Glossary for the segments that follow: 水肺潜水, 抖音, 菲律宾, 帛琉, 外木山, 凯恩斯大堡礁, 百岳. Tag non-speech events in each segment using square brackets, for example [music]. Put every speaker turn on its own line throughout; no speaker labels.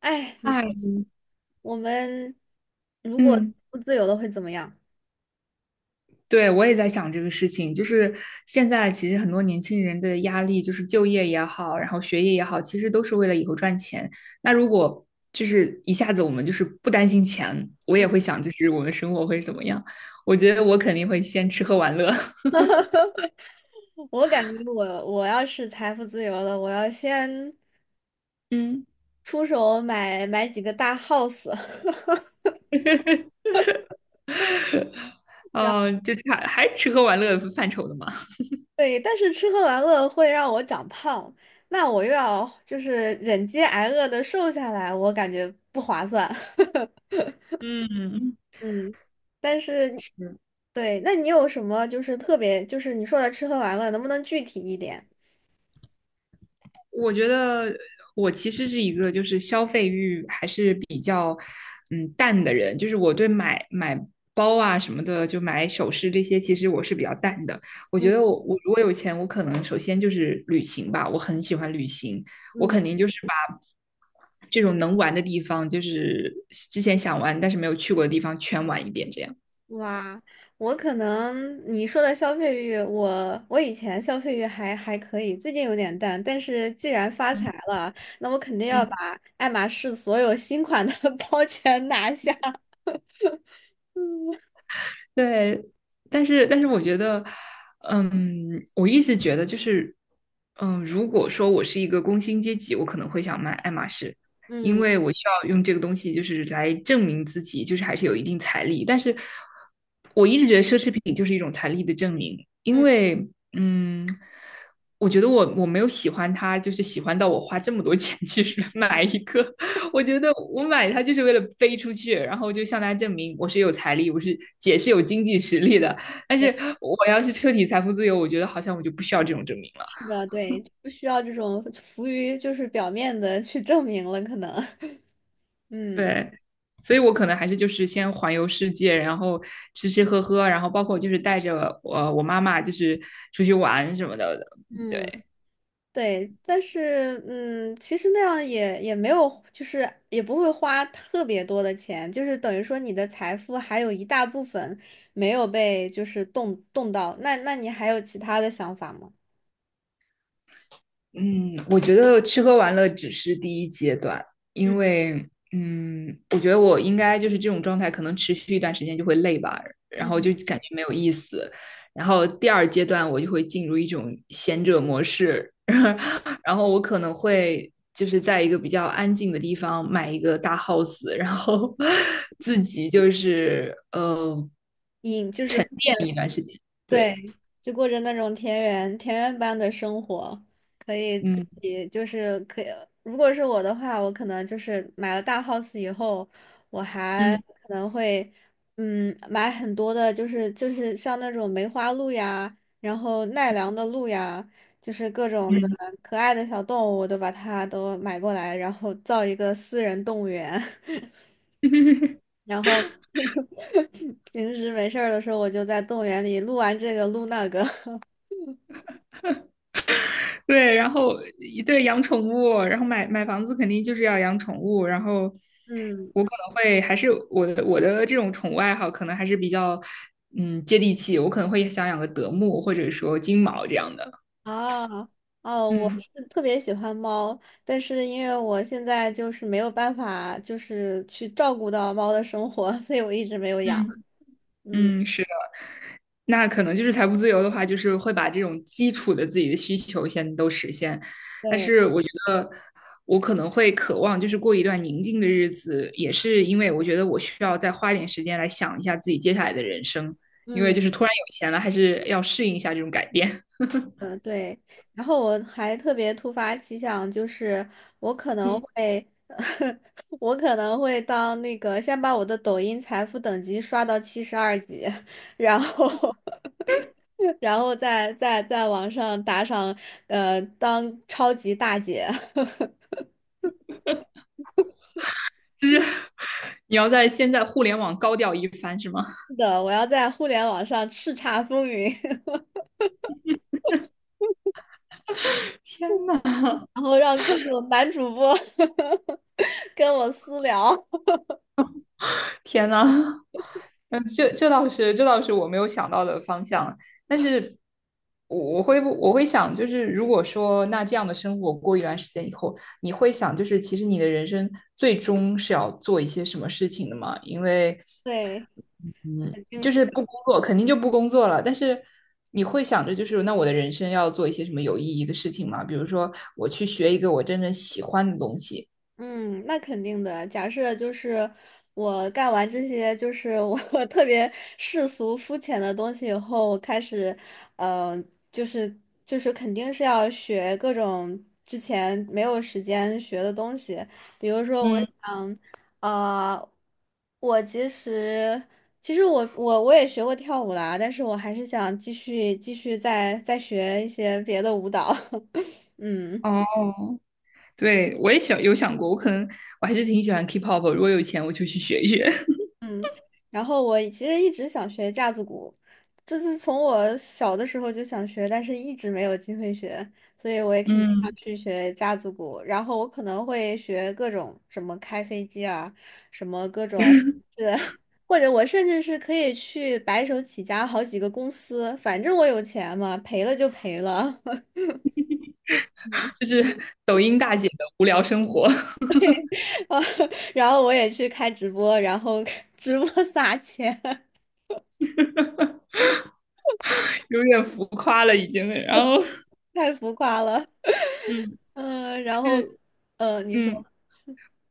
哎，你说
嗨，
我们如果
嗯，
不自由了会怎么样？
对，我也在想这个事情，就是现在其实很多年轻人的压力，就是就业也好，然后学业也好，其实都是为了以后赚钱。那如果就是一下子我们就是不担心钱，我
嗯，
也会想，就是我们生活会怎么样？我觉得我肯定会先吃喝玩乐，
[laughs] 我感觉我要是财富自由了，我要先
[laughs] 嗯
出手买几个大 house。[laughs]
[laughs] 哦，就是还吃喝玩乐范畴的嘛。
对，但是吃喝玩乐会让我长胖，那我又要就是忍饥挨饿的瘦下来，我感觉不划算。[laughs]
嗯，
嗯，但是
[laughs] 是
对，那你有什么就是特别就是你说的吃喝玩乐，能不能具体一点？
我觉得我其实是一个就是消费欲还是比较淡的人，就是我对买包啊什么的，就买首饰这些，其实我是比较淡的。我觉
嗯
得我如果有钱，我可能首先就是旅行吧，我很喜欢旅行，我
嗯
肯定就是把这种能玩的地方，就是之前想玩但是没有去过的地方全玩一遍，这样。
哇，我可能你说的消费欲，我以前消费欲还可以，最近有点淡。但是既然发财
嗯。
了，那我肯定要
嗯，
把爱马仕所有新款的 [laughs] 包全拿下。
对，但是我觉得，嗯，我一直觉得就是，嗯，如果说我是一个工薪阶级，我可能会想买爱马仕，因
嗯
为我需要用这个东西就是来证明自己，就是还是有一定财力。但是我一直觉得奢侈品就是一种财力的证明，因
嗯，
为，嗯，我觉得我没有喜欢它，就是喜欢到我花这么多钱去 [laughs] 买一个我觉得我买它就是为了飞出去，然后就向大家证明我是有财力，我是姐是有经济实力的。但是
对，
我要是彻底财富自由，我觉得好像我就不需要这种证明了。
是的，对，不需要这种浮于就是表面的去证明了，可能。[laughs] 嗯
对，所以我可能还是就是先环游世界，然后吃吃喝喝，然后包括就是带着我妈妈就是出去玩什么的。
嗯。
对，
对，但是嗯，其实那样也没有，就是也不会花特别多的钱，就是等于说你的财富还有一大部分没有被就是动到，那你还有其他的想法吗？
嗯，我觉得吃喝玩乐只是第一阶段，因
嗯
为嗯，我觉得我应该就是这种状态，可能持续一段时间就会累吧，然后
嗯。
就感觉没有意思。然后第二阶段我就会进入一种闲者模式，[laughs] 然后我可能会就是在一个比较安静的地方买一个大 house，然后 [laughs] 自己就是
你就是。
变一段时间。对，
对，就过着那种田园般的生活，可以自
嗯。
己就是可以。如果是我的话，我可能就是买了大 house 以后，我还
嗯。
可能会买很多的，就是像那种梅花鹿呀，然后奈良的鹿呀，就是各种的
嗯。
可爱的小动物，我都把它都买过来，然后造一个私人动物园，
[laughs]
[laughs] 然后 [laughs] 平时没事儿的时候，我就在动物园里录完这个录那个。[laughs]
对，然后对养宠物，然后买房子肯定就是要养宠物，然后
嗯，
我可能会还是我的这种宠物爱好可能还是比较接地气，我可能会想养个德牧或者说金毛这样的，
啊，哦，我
嗯。
是特别喜欢猫，但是因为我现在就是没有办法，就是去照顾到猫的生活，[laughs] 所以我一直没有养。
嗯。
嗯，
嗯，是的，那可能就是财务自由的话，就是会把这种基础的自己的需求先都实现。但
对，
是我觉得我可能会渴望就是过一段宁静的日子，也是因为我觉得我需要再花一点时间来想一下自己接下来的人生，因为
嗯，
就是突然有钱了，还是要适应一下这种改变
呃，对。然后我还特别突发奇想，就是我可
[laughs]。
能
嗯，
会，[laughs] 我可能会当那个先把我的抖音财富等级刷到72级，然后 [laughs]，然后再在网上打赏，呃，当超级大姐。[laughs]
就是 [laughs] 你要在现在互联网高调一番，是吗？
是的，我要在互联网上叱咤风云，[laughs]
天呐，
然后让各种男主播 [laughs] 跟我私聊。
天呐，嗯，这倒是，这倒是我没有想到的方向。但是我会想，就是如果说那这样的生活过一段时间以后，你会想，就是其实你的人生最终是要做一些什么事情的嘛？因为，
对，
嗯，
肯定
就
是。
是不工作肯定就不工作了，但是你会想着，就是那我的人生要做一些什么有意义的事情嘛？比如说，我去学一个我真正喜欢的东西。
嗯，那肯定的。假设就是我干完这些，就是我 [laughs] 特别世俗肤浅的东西以后，我开始，呃，就是就是肯定是要学各种之前没有时间学的东西。比如说，我
嗯，
想，呃，我其实其实我我我也学过跳舞啦，但是我还是想继续再学一些别的舞蹈。[laughs] 嗯。
哦，对，我也想有想过，我可能我还是挺喜欢 K-pop，如果有钱我就去学一学，[laughs]
嗯，然后我其实一直想学架子鼓，这是从我小的时候就想学，但是一直没有机会学，所以我也肯定要
嗯，
去学架子鼓。然后我可能会学各种什么开飞机啊，什么各种，或者我甚至是可以去白手起家好几个公司，反正我有钱嘛，赔了就赔了。
就是抖音大姐的无聊生活，
[laughs] 啊然后我也去开直播，然后 [laughs] 直播撒钱，
[laughs] 有点浮夸了已经。然后
[laughs] 太浮夸了。
嗯
嗯，然
就
后，
是
呃，你
嗯，
说。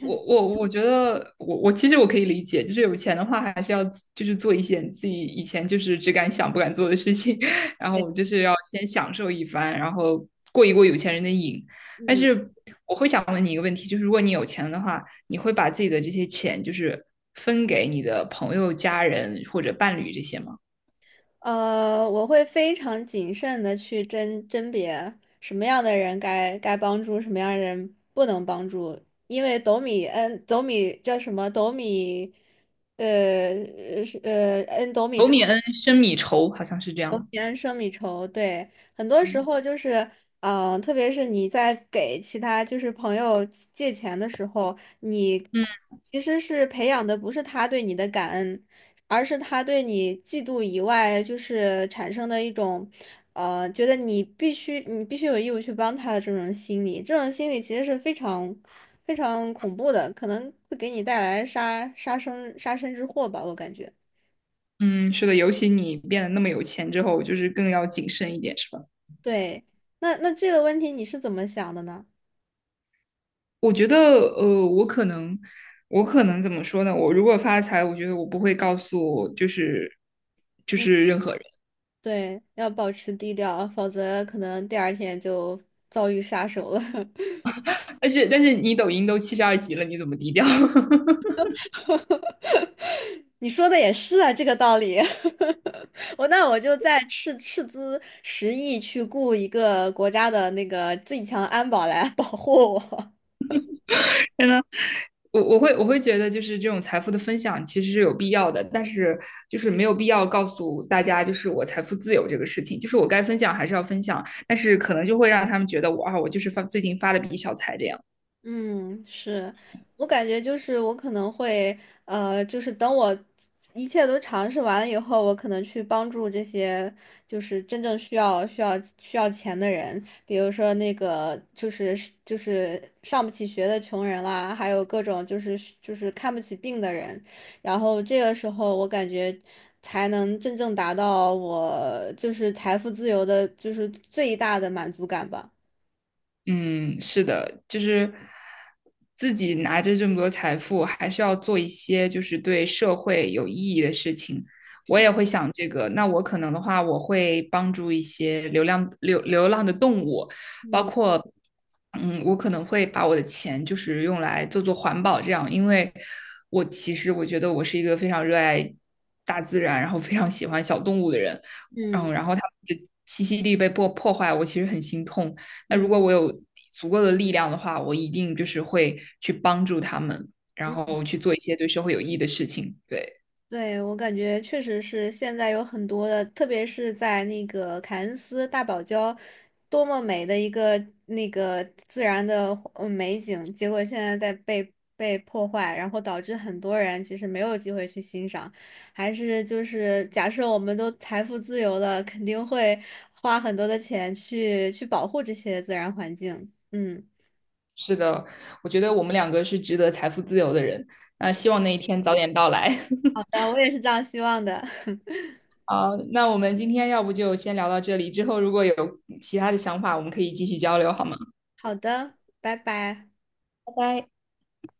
我觉得我其实我可以理解，就是有钱的话还是要就是做一些自己以前就是只敢想不敢做的事情，[laughs] 然后就是要先享受一番，然后过一过有钱人的瘾。但
嗯。
是我会想问你一个问题，就是如果你有钱的话，你会把自己的这些钱就是分给你的朋友、家人或者伴侣这些吗？
呃，我会非常谨慎的去甄别什么样的人该帮助，什么样的人不能帮助，因为斗米恩斗米叫什么斗米，呃是
仇米恩，深米仇，好像是这样。
平安胜米稠，对，很多时候就是，嗯、特别是你在给其他就是朋友借钱的时候，你
嗯。
其实是培养的不是他对你的感恩，而是他对你嫉妒以外，就是产生的一种，呃，觉得你必须有义务去帮他的这种心理，这种心理其实是非常非常恐怖的，可能会给你带来杀身之祸吧，我感觉。
嗯，是的，尤其你变得那么有钱之后，就是更要谨慎一点，是吧？
对，那这个问题你是怎么想的呢？
我觉得，我可能，我可能怎么说呢？我如果发财，我觉得我不会告诉，就是就
嗯，
是任何人。
对，要保持低调，否则可能第二天就遭遇杀手了。
但是你抖音都72级了，你怎么低调？[laughs]
[laughs] 你说的也是啊，这个道理。[laughs] 我那我就再斥资10亿去雇一个国家的那个最强安保来保护我。
真的，我会觉得，就是这种财富的分享其实是有必要的，但是就是没有必要告诉大家，就是我财富自由这个事情，就是我该分享还是要分享，但是可能就会让他们觉得我啊，我就是发最近发了笔小财这样。
嗯，是，我感觉就是我可能会，呃，就是等我一切都尝试完了以后，我可能去帮助这些就是真正需要钱的人，比如说那个就是上不起学的穷人啦，还有各种就是看不起病的人，然后这个时候我感觉才能真正达到我就是财富自由的，就是最大的满足感吧。
嗯，是的，就是自己拿着这么多财富，还是要做一些就是对社会有意义的事情。我也会想这个，那我可能的话，我会帮助一些流浪的动物，包
嗯
括，嗯，我可能会把我的钱就是用来做做环保这样，因为我其实我觉得我是一个非常热爱大自然，然后非常喜欢小动物的人，
嗯。
嗯，然后他们的栖息地被破坏，我其实很心痛。那如
嗯。
果我有足够的力量的话，我一定就是会去帮助他们，然后去做一些对社会有益的事情。对，
对，我感觉确实是现在有很多的，特别是在那个凯恩斯大堡礁，多么美的一个那个自然的美景，结果现在在被破坏，然后导致很多人其实没有机会去欣赏。还是就是假设我们都财富自由了，肯定会花很多的钱去保护这些自然环境。嗯，
是的，我觉得我们两个是值得财富自由的人。那希望那一天早点到来。
好
[laughs]
的，我也是这样希望的。[laughs]
好，那我们今天要不就先聊到这里，之后如果有其他的想法，我们可以继续交流，好吗？
好的，拜拜。
拜拜。